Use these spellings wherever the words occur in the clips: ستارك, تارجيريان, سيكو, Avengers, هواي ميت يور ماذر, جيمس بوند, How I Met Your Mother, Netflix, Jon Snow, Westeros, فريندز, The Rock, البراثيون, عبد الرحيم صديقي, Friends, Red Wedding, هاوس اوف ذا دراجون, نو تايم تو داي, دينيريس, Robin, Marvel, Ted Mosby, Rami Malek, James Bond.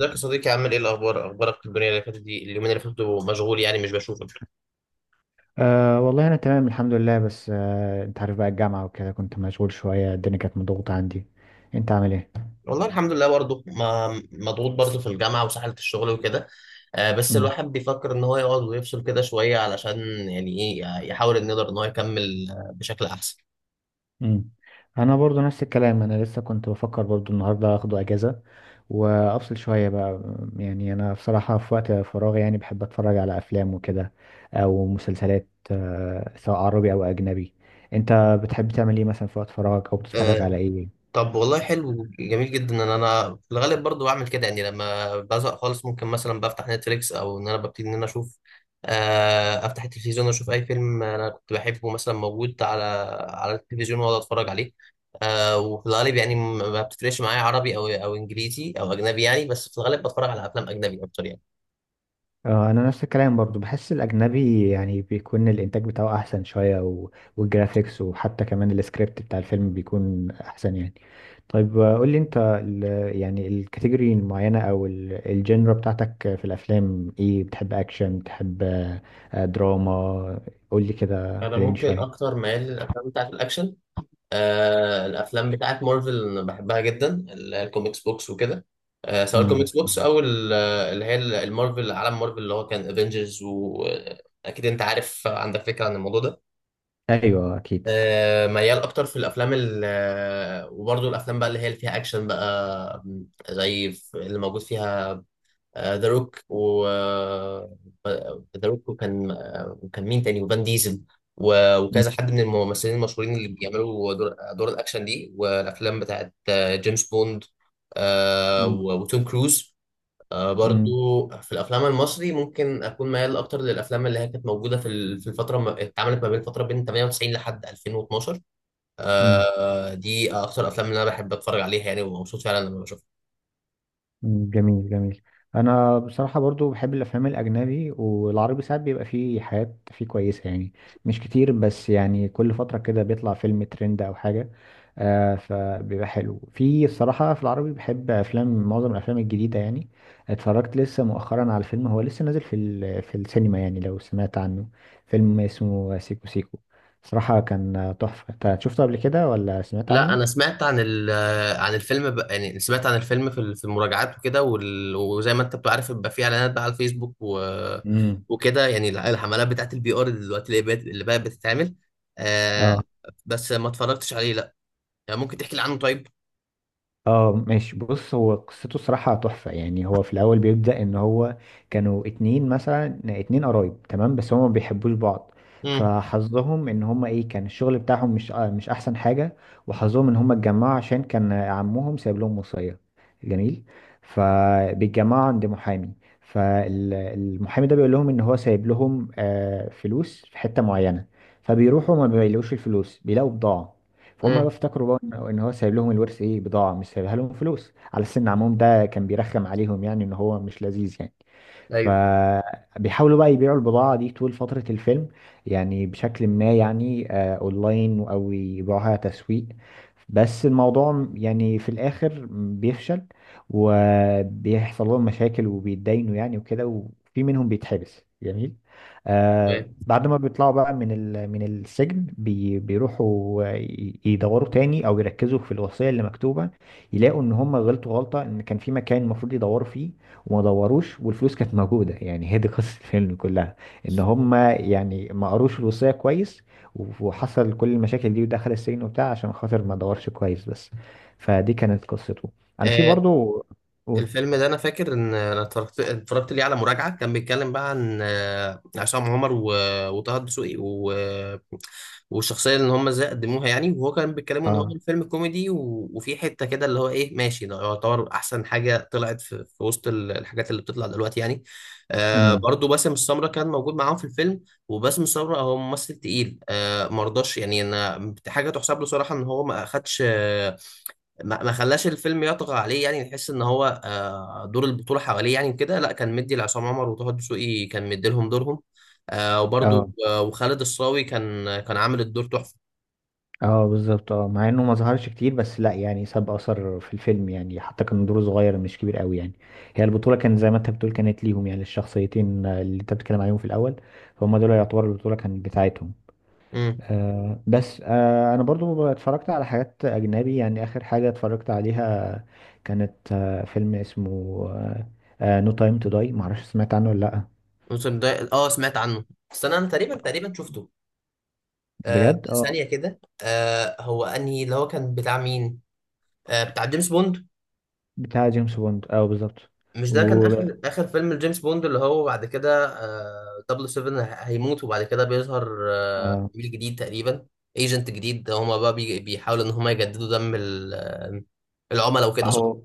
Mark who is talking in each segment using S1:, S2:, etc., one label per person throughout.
S1: ازيك يا صديقي؟ عامل ايه؟ الاخبار، اخبارك، الدنيا اللي فاتت دي، اليومين اللي فاتوا مشغول يعني مش بشوفك.
S2: أه والله، أنا تمام الحمد لله. بس أنت عارف بقى، الجامعة وكده كنت مشغول شوية، الدنيا كانت مضغوطة عندي. أنت عامل إيه؟
S1: والله الحمد لله، برضه ما مضغوط برضه في الجامعه وسحله الشغل وكده. آه بس
S2: مم.
S1: الواحد بيفكر ان هو يقعد ويفصل كده شويه علشان يعني ايه يحاول ان يقدر ان هو يكمل بشكل احسن.
S2: مم. أنا برضو نفس الكلام، أنا لسه كنت بفكر برضو النهاردة أخده أجازة وأفصل شوية بقى. يعني أنا بصراحة في وقت فراغي يعني بحب أتفرج على أفلام وكده، أو مسلسلات سواء عربي أو أجنبي. أنت بتحب تعمل إيه مثلا في وقت فراغك أو بتتفرج
S1: آه،
S2: على إيه؟
S1: طب والله حلو جميل جدا ان انا في الغالب برضو بعمل كده، يعني لما بزهق خالص ممكن مثلا بفتح نتفليكس او ان انا ببتدي ان انا اشوف، افتح التلفزيون واشوف اي فيلم انا كنت بحبه مثلا موجود على على التلفزيون واقعد اتفرج عليه. وفي الغالب يعني ما بتفرقش معايا عربي او انجليزي او اجنبي يعني، بس في الغالب بتفرج على افلام اجنبي اكتر يعني.
S2: اه، انا نفس الكلام برضو، بحس الاجنبي يعني بيكون الانتاج بتاعه احسن شويه والجرافيكس وحتى كمان السكريبت بتاع الفيلم بيكون احسن يعني. طيب، قول لي انت يعني الكاتيجوري المعينه او الجنرا بتاعتك في الافلام ايه، بتحب اكشن، بتحب دراما؟ قول لي كده
S1: انا
S2: كلمني
S1: ممكن
S2: شويه.
S1: اكتر ميال للافلام بتاعت الاكشن. آه الافلام بتاعت مارفل أنا بحبها جدا. الكوميكس بوكس وكده. آه سواء
S2: مم.
S1: الكوميكس بوكس او اللي هي المارفل، عالم مارفل اللي هو كان افنجرز، واكيد انت عارف عندك فكره عن الموضوع ده.
S2: ايوه اكيد.
S1: آه ميال اكتر في الافلام وبرضه الافلام بقى اللي هي اللي فيها اكشن بقى زي اللي موجود فيها ذا روك ذا روك وكان، وكان مين تاني، وفان ديزل
S2: مم.
S1: وكذا حد من الممثلين المشهورين اللي بيعملوا دور الاكشن دي، والافلام بتاعت جيمس بوند وتوم كروز.
S2: مم.
S1: برضو في الافلام المصري ممكن اكون ميال اكتر للافلام اللي هي كانت موجوده في في الفتره اتعملت ما بين فتره بين 98 لحد 2012.
S2: مم.
S1: دي اكتر الافلام اللي انا بحب اتفرج عليها يعني، ومبسوط فعلا لما بشوفها.
S2: جميل جميل. انا بصراحه برضو بحب الافلام الاجنبي والعربي، ساعات بيبقى فيه حاجات فيه كويسه يعني، مش كتير، بس يعني كل فتره كده بيطلع فيلم ترند او حاجه. فبيبقى حلو في الصراحه، في العربي بحب افلام معظم الافلام الجديده يعني. اتفرجت لسه مؤخرا على فيلم هو لسه نازل في السينما يعني، لو سمعت عنه. فيلم اسمه سيكو سيكو، صراحه كان تحفه. انت شفته قبل كده ولا سمعت
S1: لا، انا
S2: عنه؟
S1: سمعت عن عن الفيلم، يعني سمعت عن الفيلم في في المراجعات وكده، وزي ما انت بتبقى عارف بيبقى فيه اعلانات بقى على الفيسبوك
S2: امم.
S1: وكده، يعني الحملات بتاعت البي ار دلوقتي اللي بقت بتتعمل. آه
S2: اه.
S1: بس ما اتفرجتش عليه، لا. يعني ممكن تحكي لي عنه طيب؟
S2: اه ماشي، بص، هو قصته صراحة تحفة. يعني هو في الأول بيبدأ إن هو كانوا اتنين، مثلا اتنين قرايب، تمام، بس هما ما بيحبوش بعض.
S1: امم،
S2: فحظهم إن هما، إيه، كان الشغل بتاعهم مش أحسن حاجة. وحظهم إن هما اتجمعوا عشان كان عمهم سايب لهم وصية. جميل. فبيتجمعوا عند محامي. فالمحامي ده بيقول لهم إن هو سايب لهم فلوس في حتة معينة. فبيروحوا ما بيلاقوش الفلوس، بيلاقوا بضاعة. فهم بقى
S1: امم،
S2: افتكروا بقى إن هو سايب لهم الورث، ايه، بضاعه مش سايبها لهم فلوس، على سن عمهم ده كان بيرخم عليهم يعني ان هو مش لذيذ يعني.
S1: ايوه،
S2: فبيحاولوا بقى يبيعوا البضاعة دي طول فترة الفيلم، يعني بشكل ما يعني اونلاين او يبيعوها تسويق. بس الموضوع يعني في الاخر بيفشل، وبيحصل لهم مشاكل وبيتداينوا يعني وكده، وفي منهم بيتحبس، جميل.
S1: تمام.
S2: بعد ما بيطلعوا بقى من السجن، بيروحوا يدوروا تاني او يركزوا في الوصية اللي مكتوبة. يلاقوا ان هم غلطوا غلطة، ان كان في مكان المفروض يدوروا فيه وما دوروش، والفلوس كانت موجودة. يعني هي دي قصة الفيلم كلها، ان هما يعني ما قروش الوصية كويس، وحصل كل المشاكل دي ودخل السجن وبتاع عشان خاطر ما دورش كويس بس. فدي كانت قصته. انا في
S1: آه
S2: برضو. قول.
S1: الفيلم ده، انا فاكر ان انا اتفرجت ليه على مراجعة كان بيتكلم بقى عن عصام عمر وطه الدسوقي والشخصيه اللي هم ازاي قدموها يعني، وهو كان بيتكلموا ان هو
S2: اه.
S1: الفيلم كوميدي، وفي حته كده اللي هو ايه، ماشي ده يعتبر احسن حاجه طلعت في وسط الحاجات اللي بتطلع دلوقتي يعني. آه
S2: امم.
S1: برضو باسم السمره كان موجود معاهم في الفيلم. وباسم السمره هو ممثل تقيل، آه مرضاش. يعني انا حاجه تحسب له صراحه ان هو ما اخدش، ما خلاش الفيلم يطغى عليه. يعني نحس ان هو دور البطوله حواليه يعني كده، لا كان مدي لعصام عمر وطه دسوقي، كان مدي لهم دورهم. آه، وبرضو
S2: اه.
S1: آه، وخالد الصاوي كان عامل الدور تحفه.
S2: اه، بالظبط، مع انه ما ظهرش كتير بس لا يعني، ساب اثر في الفيلم يعني، حتى كان دوره صغير مش كبير قوي يعني. هي البطولة كانت زي ما انت بتقول، كانت ليهم يعني الشخصيتين اللي انت بتتكلم عليهم في الاول، فهم دول يعتبر البطولة كانت بتاعتهم.
S1: امم.
S2: بس انا برضو اتفرجت على حاجات اجنبي يعني، اخر حاجة اتفرجت عليها كانت فيلم اسمه نو تايم تو داي، معرفش سمعت عنه ولا لا.
S1: الموسم ده، اه سمعت عنه، بس انا أنا تقريبا شفته. آه،
S2: بجد اه.
S1: ثانيه كده. هو انهي؟ اللي هو كان بتاع مين؟ بتاع جيمس بوند.
S2: بتاع جيمس بوند اه بالظبط.
S1: مش ده كان
S2: و
S1: اخر فيلم لجيمس بوند، اللي هو بعد كده آه 007 هيموت، وبعد كده بيظهر آه
S2: آه،
S1: عميل جديد تقريبا، ايجنت جديد. هما بقى بيحاولوا ان هما يجددوا دم العملاء وكده، صح؟
S2: هو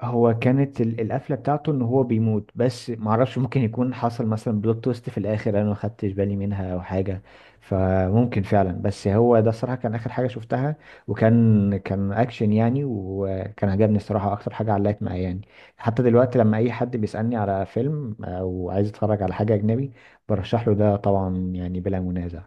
S2: هو كانت القفله بتاعته ان هو بيموت. بس معرفش، ممكن يكون حصل مثلا بلوت تويست في الاخر انا ما خدتش بالي منها او حاجه، فممكن فعلا. بس هو ده الصراحه كان اخر حاجه شفتها، وكان اكشن يعني، وكان عجبني الصراحه، اكتر حاجه علقت معايا يعني. حتى دلوقتي لما اي حد بيسالني على فيلم او عايز يتفرج على حاجه اجنبي برشح له ده طبعا، يعني بلا منازع.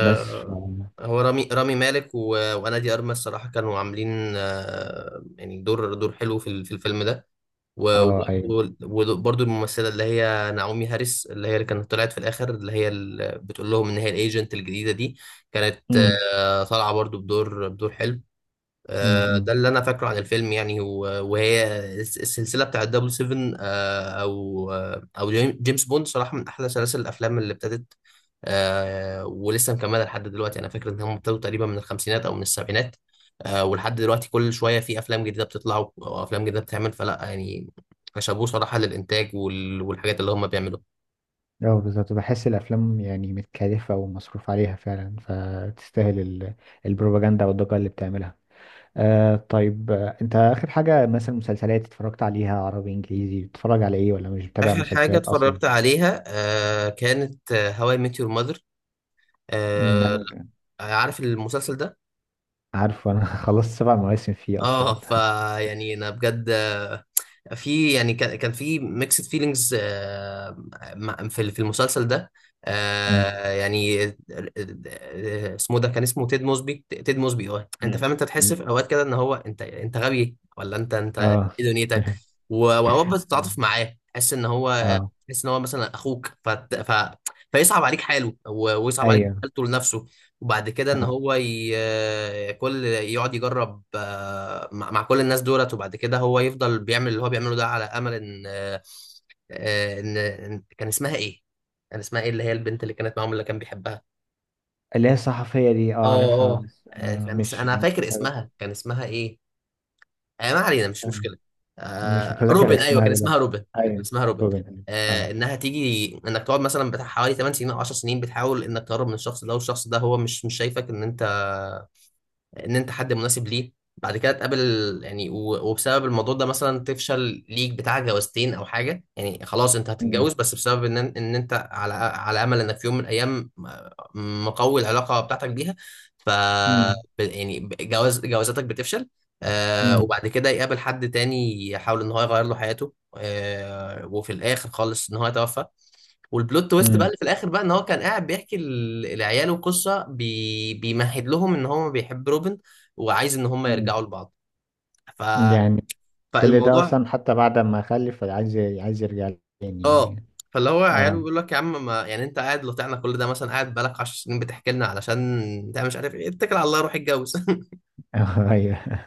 S2: بس.
S1: هو رامي مالك وانا دي ارمس الصراحه كانوا عاملين يعني دور حلو في في الفيلم ده.
S2: اه. ايوه.
S1: وبرده الممثله اللي هي نعومي هاريس، اللي هي اللي كانت طلعت في الاخر، اللي هي اللي بتقول لهم ان هي الايجنت الجديده دي، كانت
S2: امم.
S1: طالعه برده بدور حلو.
S2: امم،
S1: ده
S2: امم.
S1: اللي انا فاكره عن الفيلم يعني، وهي السلسله بتاعت دبل سيفن او جيمس بوند صراحه من احلى سلاسل الافلام اللي ابتدت، ولسه مكمله لحد دلوقتي. انا فاكر ان هم ابتدوا تقريبا من الخمسينات او من السبعينات. ولحد دلوقتي كل شويه في افلام جديده بتطلع، وافلام جديده بتتعمل، فلا يعني شابوه صراحه للانتاج والحاجات اللي هم بيعملوها.
S2: اه، بالظبط، بحس الافلام يعني متكلفه ومصروف عليها فعلا، فتستاهل البروباجندا والضجه اللي بتعملها. طيب، انت اخر حاجه مثلا، مسلسلات اتفرجت عليها عربي انجليزي، بتتفرج على ايه ولا مش بتابع
S1: اخر حاجه
S2: مسلسلات اصلا؟
S1: اتفرجت عليها كانت هواي ميت يور ماذر.
S2: امم. انا
S1: عارف المسلسل ده؟
S2: عارف. انا خلصت 7 مواسم فيه اصلا.
S1: اه فا يعني انا بجد، في يعني كان في ميكسد فيلينجز في المسلسل ده.
S2: امم.
S1: آه، يعني آه، اسمه ده كان اسمه تيد موسبي، تيد موسبي. اه انت
S2: مم.
S1: فاهم؟ انت تحس
S2: مم.
S1: في اوقات كده ان هو انت غبي ولا انت ايه
S2: اه.
S1: دنيتك. واوقات بتتعاطف معاه، تحس ان هو
S2: اه.
S1: مثلا اخوك، فيصعب عليك حاله ويصعب عليك
S2: ايوه.
S1: حالته لنفسه. وبعد كده ان
S2: اه.
S1: هو كل يقعد يجرب مع كل الناس دولت، وبعد كده هو يفضل بيعمل اللي هو بيعمله ده على امل ان آه، ان كان اسمها ايه؟ اللي هي البنت اللي كانت معاهم اللي كان بيحبها.
S2: اللي هي الصحفيه دي، اه،
S1: اه،
S2: عارفها،
S1: اه،
S2: بس مش
S1: انا
S2: مش
S1: فاكر
S2: متابع.
S1: اسمها، كان اسمها ايه. ما علينا مش مشكله.
S2: مش متذكر
S1: روبن، ايوه
S2: اسمها
S1: كان اسمها
S2: دلوقتي.
S1: روبن، كان
S2: ايوه.
S1: اسمها روبن
S2: كوفن اه.
S1: انها تيجي انك تقعد مثلا بتاع حوالي 8 سنين او 10 سنين بتحاول انك تقرب من الشخص ده، والشخص ده هو مش شايفك ان انت حد مناسب ليه. بعد كده تقابل يعني، وبسبب الموضوع ده مثلا تفشل ليك بتاع جوازتين او حاجه، يعني خلاص انت
S2: مم.
S1: هتتجوز بس بسبب ان انت على امل انك في يوم من الايام مقوي العلاقه بتاعتك بيها. ف
S2: مم.
S1: ب- يعني ب- جوازاتك بتفشل. آه
S2: مم.
S1: وبعد كده يقابل حد تاني يحاول ان هو يغير له حياته، آه وفي الاخر خالص ان هو يتوفى. والبلوت تويست بقى
S2: مم.
S1: اللي في الاخر بقى ان هو كان قاعد بيحكي لعياله قصه، بيمهد لهم ان هو بيحب روبن، وعايز ان هم
S2: مم.
S1: يرجعوا لبعض. ف...
S2: يعني كل ده
S1: فالموضوع،
S2: اصلا، حتى بعد ما اخلف عايز يرجع لي تاني
S1: اه،
S2: يعني.
S1: فاللي هو عياله
S2: اه.
S1: بيقول لك يا عم، ما يعني انت قاعد لطعنا كل ده، مثلا قاعد بقالك 10 سنين بتحكي لنا، علشان انت مش عارف ايه، اتكل على الله روح اتجوز.
S2: ايوه.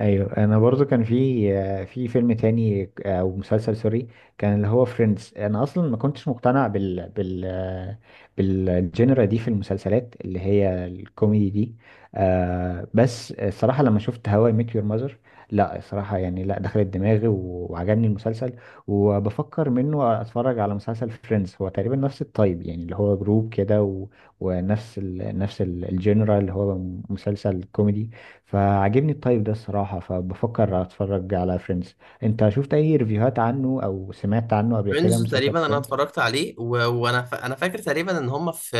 S2: ايوه، انا برضو كان في فيلم تاني او مسلسل سوري، كان اللي هو فريندز. انا اصلا ما كنتش مقتنع بالجنرا دي في المسلسلات اللي هي الكوميدي دي. بس الصراحه لما شفت هواي ميت يور ماذر، لا الصراحه يعني، لا دخلت دماغي وعجبني المسلسل. وبفكر منه اتفرج على مسلسل فريندز، هو تقريبا نفس التايب يعني اللي هو جروب كده، ونفس نفس الجنرا اللي هو مسلسل كوميدي. فعجبني الطيب ده الصراحة، فبفكر اتفرج على فريندز. انت شفت اي ريفيوهات عنه او سمعت عنه قبل كده،
S1: فريندز
S2: مسلسل
S1: تقريبا انا
S2: فريندز؟
S1: اتفرجت عليه، انا فاكر تقريبا ان هم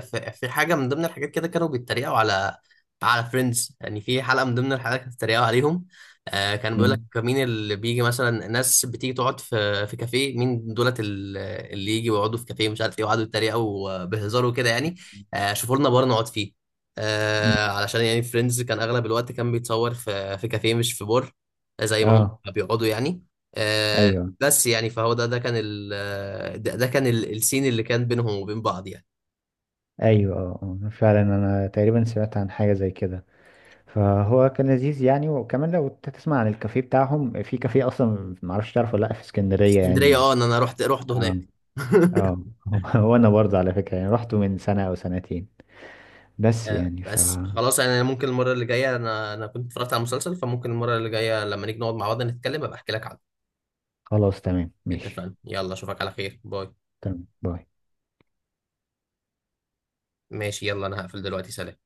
S1: في حاجه من ضمن الحاجات كده، كانوا بيتريقوا على فريندز يعني، في حلقه من ضمن الحلقات كانوا بيتريقوا عليهم. آه كان بيقول لك
S2: امم.
S1: مين اللي بيجي، مثلا ناس بتيجي تقعد في كافيه مين دولت اللي يجي ويقعدوا في كافيه، مش عارف ايه، وقعدوا يتريقوا بهزار وكده يعني. آه شوفوا لنا بار نقعد فيه، آه علشان يعني فريندز كان اغلب الوقت كان بيتصور في كافيه مش في بار، زي ما هم
S2: اه.
S1: بيقعدوا يعني. آه،
S2: ايوه.
S1: بس يعني فهو ده كان السين اللي كان بينهم وبين بعض يعني.
S2: ايوه. اه. آه. فعلا، انا تقريبا سمعت عن حاجة زي كده. فهو كان لذيذ يعني، وكمان لو انت تسمع عن الكافيه بتاعهم، في كافيه اصلا، معرفش تعرفه ولا لا، في
S1: في
S2: اسكندرية
S1: اسكندرية،
S2: يعني.
S1: اه ان انا رحت
S2: اه.
S1: هناك.
S2: اه. وانا برضه على فكرة يعني رحته من سنة او سنتين، بس يعني
S1: بس
S2: فخلاص.
S1: خلاص يعني. أنا ممكن المرة اللي جاية، انا كنت اتفرجت على المسلسل، فممكن المرة اللي جاية لما نيجي نقعد مع بعض نتكلم ابقى احكي لك عنه.
S2: تمام ماشي.
S1: اتفقنا، يلا اشوفك على خير، باي.
S2: تمام باي.
S1: ماشي يلا، انا هقفل دلوقتي، سلام.